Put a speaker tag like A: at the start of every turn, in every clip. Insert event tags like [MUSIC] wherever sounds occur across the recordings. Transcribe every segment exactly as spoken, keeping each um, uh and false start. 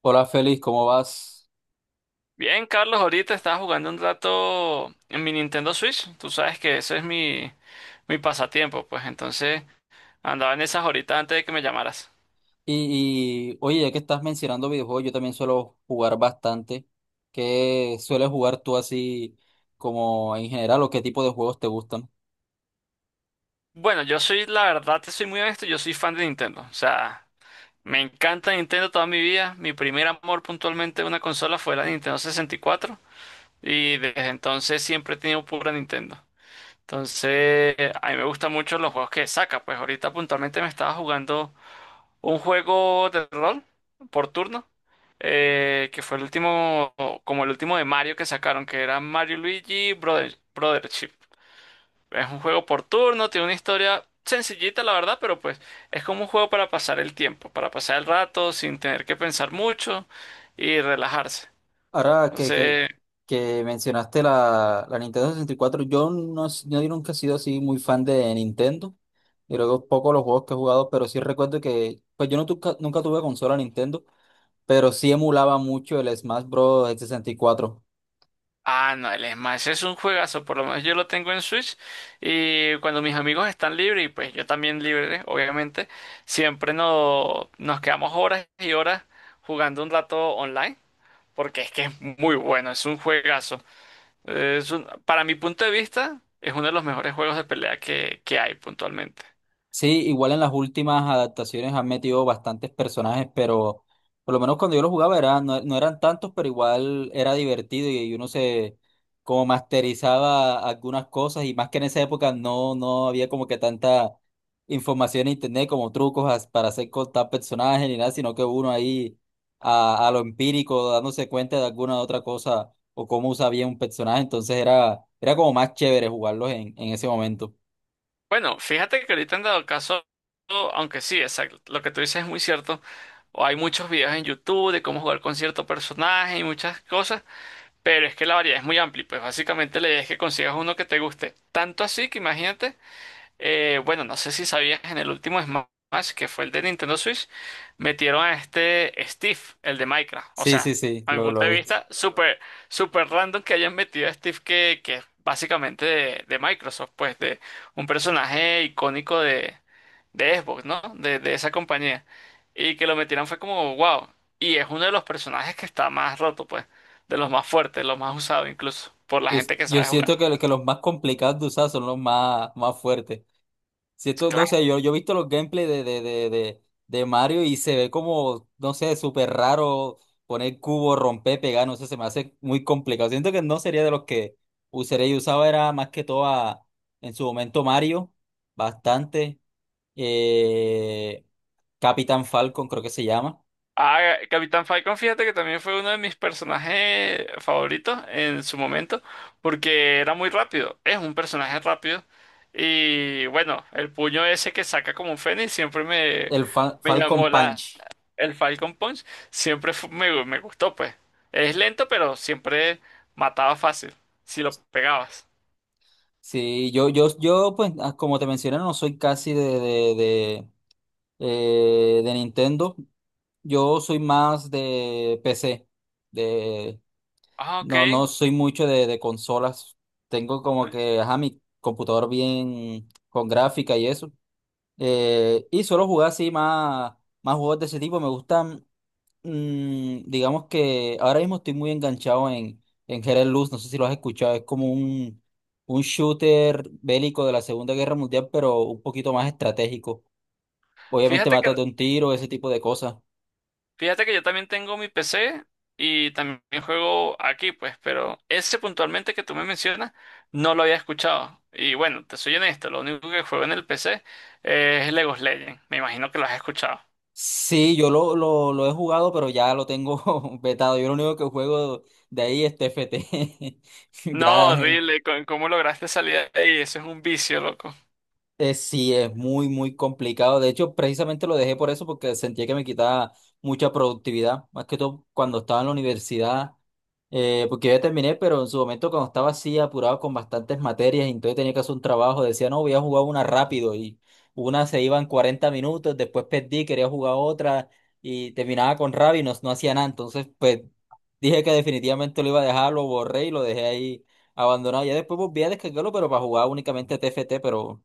A: Hola Félix, ¿cómo vas?
B: Bien, Carlos, ahorita estaba jugando un rato en mi Nintendo Switch. Tú sabes que eso es mi, mi pasatiempo, pues entonces andaba en esas horitas antes de que me llamaras.
A: Y, y, oye, ya que estás mencionando videojuegos, yo también suelo jugar bastante. ¿Qué sueles jugar tú así como en general o qué tipo de juegos te gustan?
B: Bueno, yo soy, la verdad, te soy muy honesto, yo soy fan de Nintendo. O sea, me encanta Nintendo toda mi vida. Mi primer amor puntualmente de una consola fue la Nintendo sesenta y cuatro y cuatro y desde entonces siempre he tenido pura Nintendo. Entonces, a mí me gustan mucho los juegos que saca. Pues ahorita puntualmente me estaba jugando un juego de rol por turno, eh, que fue el último, como el último de Mario que sacaron, que era Mario y Luigi Brother, Brothership. Es un juego por turno, tiene una historia sencillita, la verdad, pero pues es como un juego para pasar el tiempo, para pasar el rato sin tener que pensar mucho y relajarse.
A: Ahora que, que,
B: Entonces,
A: que mencionaste la, la Nintendo sesenta y cuatro, yo no, s- yo nunca he sido así muy fan de Nintendo. Y luego poco los juegos que he jugado, pero sí recuerdo que, pues yo no tuca- nunca tuve consola Nintendo, pero sí emulaba mucho el Smash Bros. Sesenta y cuatro.
B: ah, no, el Smash es un juegazo, por lo menos yo lo tengo en Switch y cuando mis amigos están libres y pues yo también libre, obviamente, siempre no- nos quedamos horas y horas jugando un rato online porque es que es muy bueno, es un juegazo. Es un- para mi punto de vista, es uno de los mejores juegos de pelea que, que hay puntualmente.
A: Sí, igual en las últimas adaptaciones han metido bastantes personajes, pero por lo menos cuando yo lo jugaba era, no, no eran tantos, pero igual era divertido y uno se como masterizaba algunas cosas y más que en esa época no, no había como que tanta información en internet como trucos as- para hacer con tal personaje ni nada, sino que uno ahí a, a lo empírico dándose cuenta de alguna otra cosa o cómo usa bien un personaje, entonces era, era como más chévere jugarlos en, en ese momento.
B: Bueno, fíjate que ahorita han dado caso, aunque sí, exacto, lo que tú dices es muy cierto. O hay muchos videos en YouTube de cómo jugar con cierto personaje y muchas cosas. Pero es que la variedad es muy amplia, y pues básicamente la idea es que consigas uno que te guste. Tanto así que imagínate, eh, bueno, no sé si sabías, en el último Smash, que fue el de Nintendo Switch, metieron a este Steve, el de Minecraft. O
A: Sí, sí,
B: sea,
A: sí,
B: a mi
A: lo,
B: punto
A: lo he
B: de
A: visto.
B: vista, súper, súper random que hayan metido a Steve, que, que es básicamente de, de Microsoft, pues de un personaje icónico de, de Xbox, ¿no? De, de esa compañía. Y que lo metieran fue como, wow. Y es uno de los personajes que está más roto, pues. De los más fuertes, los más usados incluso. Por la
A: Yo,
B: gente que
A: yo
B: sabe jugar.
A: siento que, que los más complicados de usar son los más, más fuertes. Siento, no
B: Claro.
A: sé, yo, yo he visto los gameplays de, de, de, de, de Mario y se ve como, no sé, súper raro poner cubo, romper, pegar, no sé, se me hace muy complicado. Siento que no sería de los que usaría. Yo usaba era más que todo a- en su momento Mario, bastante. Eh, Capitán Falcon creo que se llama.
B: Ah, Capitán Falcon, fíjate que también fue uno de mis personajes favoritos en su momento. Porque era muy rápido. Es un personaje rápido. Y bueno, el puño ese que saca como un fénix siempre me,
A: El Fa-
B: me
A: Falcon
B: llamó la,
A: Punch.
B: el Falcon Punch. Siempre fu- me, me gustó, pues. Es lento, pero siempre mataba fácil. Si lo pegabas.
A: Sí, yo, yo, yo, pues, ah, como te mencioné, no soy casi de, de, de, eh, de Nintendo. Yo soy más de P C. De,
B: Ah,
A: no,
B: ok.
A: no soy mucho de, de consolas. Tengo como que, ajá, mi computador bien con gráfica y eso. Eh, y suelo jugar así más, más juegos de ese tipo. Me gustan. Mm, digamos que ahora mismo estoy muy enganchado en, en Hero Luz, no sé si lo has escuchado, es como un, un shooter bélico de la Segunda Guerra Mundial, pero un poquito más estratégico. Obviamente
B: Fíjate que,
A: matas de un tiro, ese tipo de cosas.
B: fíjate que yo también tengo mi P C y también juego aquí, pues, pero ese puntualmente que tú me mencionas no lo había escuchado. Y bueno, te soy honesto, lo único que juego en el P C es League of Legends. Me imagino que lo has escuchado.
A: Sí, yo lo, lo, lo he jugado, pero ya lo tengo [LAUGHS] vetado. Yo lo único que juego de ahí es T F T. [LAUGHS]
B: No,
A: Ya,
B: horrible, con- ¿cómo lograste salir de ahí? Eso es un vicio, loco.
A: Eh, sí, es muy, muy complicado. De hecho, precisamente lo dejé por eso, porque sentía que me quitaba mucha productividad, más que todo cuando estaba en la universidad, eh, porque ya terminé, pero en su momento cuando estaba así apurado con bastantes materias, y entonces tenía que hacer un trabajo, decía, no, voy a jugar una rápido y una se iba en cuarenta minutos, después perdí, quería jugar otra y terminaba con rabia y no, no hacía nada. Entonces, pues dije que definitivamente lo iba a dejar, lo borré y lo dejé ahí abandonado. Ya después volví a descargarlo, pero para jugar únicamente T F T, pero...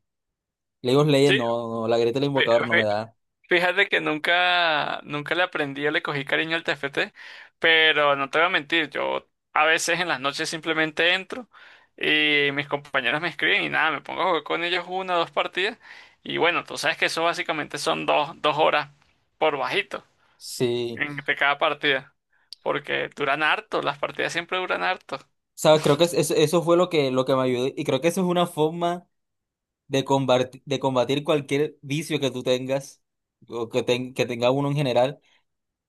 A: League of
B: Sí,
A: Legends, no, no, la grieta del invocador no me da.
B: fíjate que nunca, nunca le aprendí o le cogí cariño al T F T, pero no te voy a mentir, yo a veces en las noches simplemente entro y mis compañeros me escriben y nada, me pongo a jugar con ellos una o dos partidas y bueno, tú sabes que eso básicamente son dos, dos horas por bajito
A: Sí.
B: entre cada partida, porque duran harto, las partidas siempre duran harto.
A: Sabes, creo que es- es- eso fue lo que, lo que me ayudó. Y creo que eso es una forma de combatir, de combatir cualquier vicio que tú tengas, o que, ten- que tenga uno en general.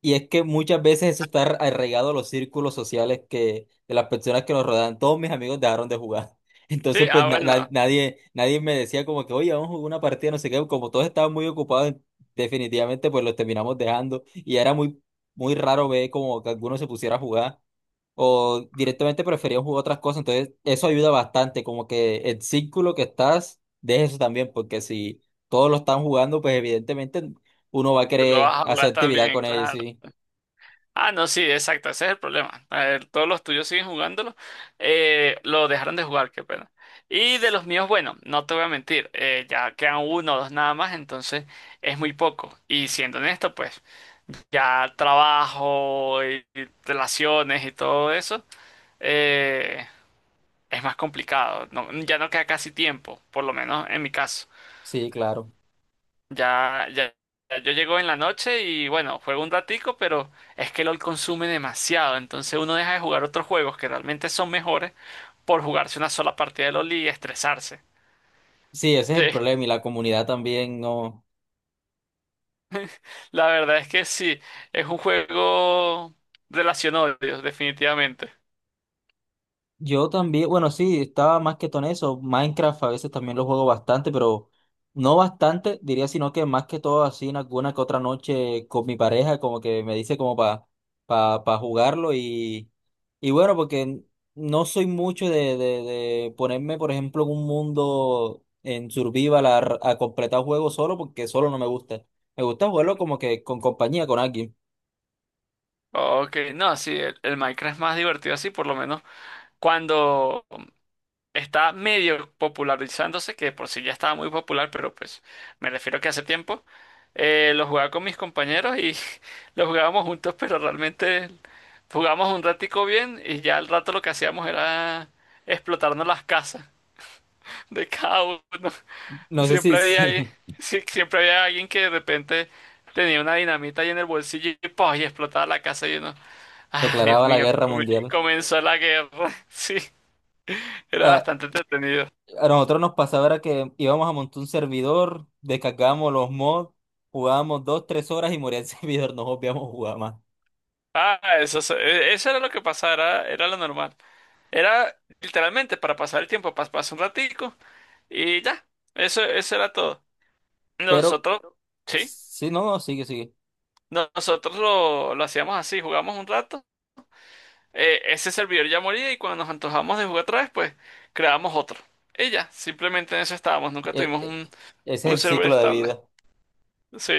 A: Y es que muchas veces eso está arraigado a los círculos sociales que, de las personas que nos rodean. Todos mis amigos dejaron de jugar. [LAUGHS]
B: Sí,
A: Entonces, pues
B: ah,
A: na- na-
B: bueno,
A: nadie, nadie me decía como que, oye, vamos a jugar una partida, no sé qué. Como todos estaban muy ocupados, definitivamente, pues los terminamos dejando. Y era muy, muy raro ver como que alguno se pusiera a jugar. O directamente preferían jugar otras cosas. Entonces, eso ayuda bastante. Como que el círculo que estás, deja eso también. Porque si todos lo están jugando, pues evidentemente uno va a
B: tú lo
A: querer
B: vas a jugar
A: hacer actividad
B: también,
A: con ellos,
B: claro.
A: sí.
B: Ah, no, sí, exacto, ese es el problema. A ver, todos los tuyos siguen jugándolo. Eh, lo dejaron de jugar, qué pena. Y de los míos, bueno, no te voy a mentir, eh, ya quedan uno o dos nada más, entonces es muy poco. Y siendo honesto, pues ya trabajo y y relaciones y todo eso, eh, es más complicado. No- ya no queda casi tiempo, por lo menos en mi caso.
A: Sí, claro.
B: Ya, ya, ya, yo llego en la noche y bueno, juego un ratico, pero es que LOL consume demasiado, entonces uno deja de jugar otros juegos que realmente son mejores por jugarse una sola partida de LOL y estresarse.
A: Sí, ese es el
B: [LAUGHS]
A: problema y la comunidad también, no.
B: La verdad es que sí, es un juego relación odios, definitivamente.
A: Yo también, bueno, sí, estaba más que todo en eso. Minecraft a veces también lo juego bastante, pero no bastante, diría, sino que más que todo así en alguna que otra noche con mi pareja, como que me dice como para pa, pa pa jugarlo y, y bueno, porque no soy mucho de, de, de ponerme, por ejemplo, en un mundo en survival a, a completar juegos solo porque solo no me gusta. Me gusta jugarlo como que con compañía, con alguien.
B: Ok, no, sí, el, el Minecraft es más divertido así, por lo menos cuando está medio popularizándose, que de por sí ya estaba muy popular, pero pues me refiero que hace tiempo eh, lo jugaba con mis compañeros y [LAUGHS] lo jugábamos juntos, pero realmente jugábamos un ratico bien y ya al rato lo que hacíamos era explotarnos las casas [LAUGHS] de cada uno.
A: No sé si,
B: Siempre había, alguien-
A: si
B: sí, siempre había alguien que de repente tenía una dinamita ahí en el bolsillo y, ¡pah!, y explotaba la casa y uno,
A: [LAUGHS]
B: ah, Dios
A: declaraba la
B: mío,
A: guerra
B: come-
A: mundial.
B: comenzó la guerra. [LAUGHS] Sí, era
A: A,
B: bastante entretenido.
A: a nosotros nos pasaba era que íbamos a montar un servidor, descargábamos los mods, jugábamos dos, tres horas y moría el [LAUGHS] servidor, nos obviamos jugar más.
B: Ah, eso, es- e- eso era lo que pasaba, era, era lo normal. Era literalmente para pasar el tiempo, pas- pasar un ratico y ya. Eso, eso era todo.
A: Pero,
B: Nosotros, sí,
A: sí, no, no, sigue, sigue.
B: nosotros lo, lo hacíamos así, jugamos un rato, eh, ese servidor ya moría y cuando nos antojamos de jugar otra vez, pues creamos otro. Y ya, simplemente en eso estábamos, nunca
A: E-
B: tuvimos
A: e-
B: un,
A: ese
B: un
A: es el
B: server
A: ciclo de
B: estable.
A: vida.
B: Sí.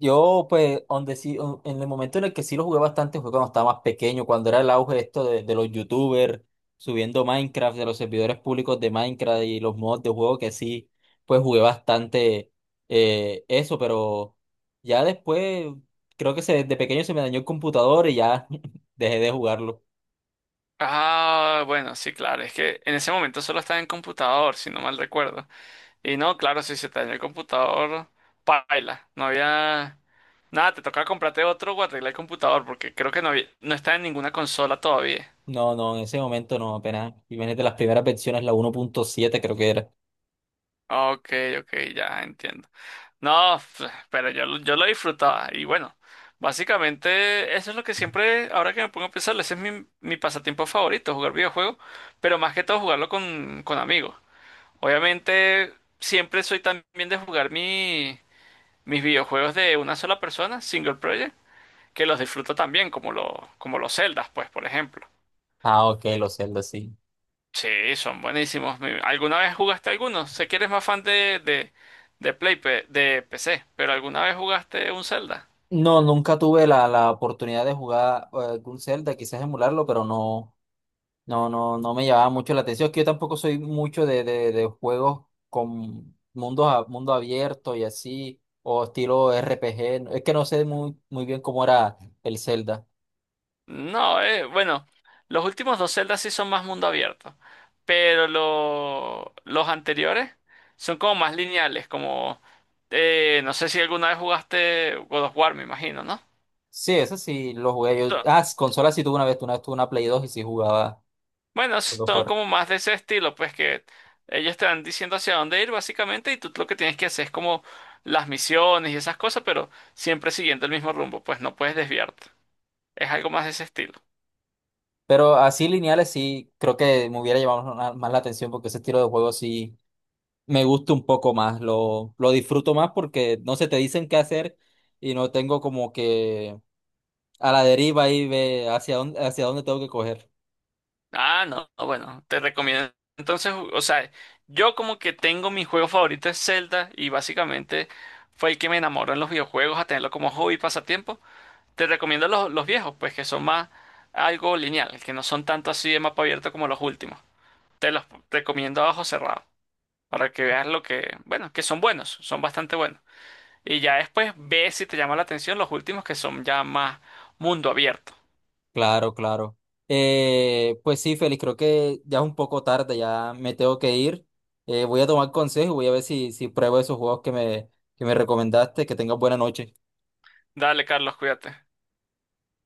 A: Yo, pues, donde sí, o- en el momento en el que sí lo jugué bastante fue cuando estaba más pequeño, cuando era el auge esto de, de los youtubers subiendo Minecraft, de los servidores públicos de Minecraft y los mods de juego que sí, pues jugué bastante eh, eso, pero ya después creo que se, desde pequeño se me dañó el computador y ya [LAUGHS] dejé de jugarlo.
B: Ah, bueno, sí, claro, es que en ese momento solo estaba en computador, si no mal recuerdo. Y no, claro, si se te dañó el computador, paila. No había. Nada, te toca comprarte otro o arreglar el computador porque creo que no había. No está en ninguna consola todavía.
A: No, no, en ese momento no, apenas, imagínate las primeras versiones, la uno punto siete creo que era.
B: Ok, ok, ya entiendo. No, f- pero yo, lo- yo lo disfrutaba. Y bueno, básicamente eso es lo que siempre, ahora que me pongo a pensar, ese es mi, mi pasatiempo favorito, jugar videojuegos, pero más que todo jugarlo con, con amigos. Obviamente, siempre soy también de jugar mi, mis videojuegos de una sola persona, single player, que los disfruto también, como, los como los Zeldas, pues, por ejemplo.
A: Ah, ok, los Zelda, sí.
B: Sí, son buenísimos. Mi- ¿Alguna vez jugaste alguno? Sé que eres más fan de, de, de Play, pe- de P C, pero ¿alguna vez jugaste un Zelda?
A: No, nunca tuve la, la oportunidad de jugar eh, algún Zelda, quizás emularlo, pero no, no, no, no me llamaba mucho la atención. Es que yo tampoco soy mucho de, de, de juegos con mundos a- mundo abierto y así, o estilo R P G. Es que no sé muy, muy bien cómo era el Zelda.
B: No, eh, bueno, los últimos dos Zeldas sí son más mundo abierto, pero lo- los anteriores son como más lineales, como, eh, no sé si alguna vez jugaste God of War, me imagino, ¿no?
A: Sí, eso sí lo jugué yo. Ah, s- consola sí tuve una vez, una vez tuve una Play dos y sí jugaba
B: Bueno,
A: lo que
B: son
A: fuera.
B: como más de ese estilo, pues que ellos te van diciendo hacia dónde ir básicamente y tú lo que tienes que hacer es como las misiones y esas cosas, pero siempre siguiendo el mismo rumbo, pues no puedes desviarte. Es algo más de ese estilo.
A: Pero así lineales sí, creo que me hubiera llamado más más la atención porque ese estilo de juego sí me gusta un poco más, lo, lo disfruto más porque no se te dicen qué hacer y no tengo como que a la deriva y ve hacia dónde, hacia dónde tengo que coger.
B: Ah, no, no, bueno, te recomiendo. Entonces, o sea, yo como que tengo mi juego favorito es Zelda y básicamente fue el que me enamoró en los videojuegos a tenerlo como hobby y pasatiempo. Te recomiendo los, los viejos, pues que son más algo lineal, que no son tanto así de mapa abierto como los últimos. Te los recomiendo a ojo cerrado para que veas lo que, bueno, que son buenos, son bastante buenos. Y ya después ve si te llama la atención los últimos que son ya más mundo abierto.
A: Claro, claro. Eh, pues sí, Félix, creo que ya es un poco tarde, ya me tengo que ir. Eh, voy a tomar consejo y voy a ver si, si pruebo esos juegos que me, que me recomendaste. Que tengas buena noche.
B: Dale, Carlos, cuídate.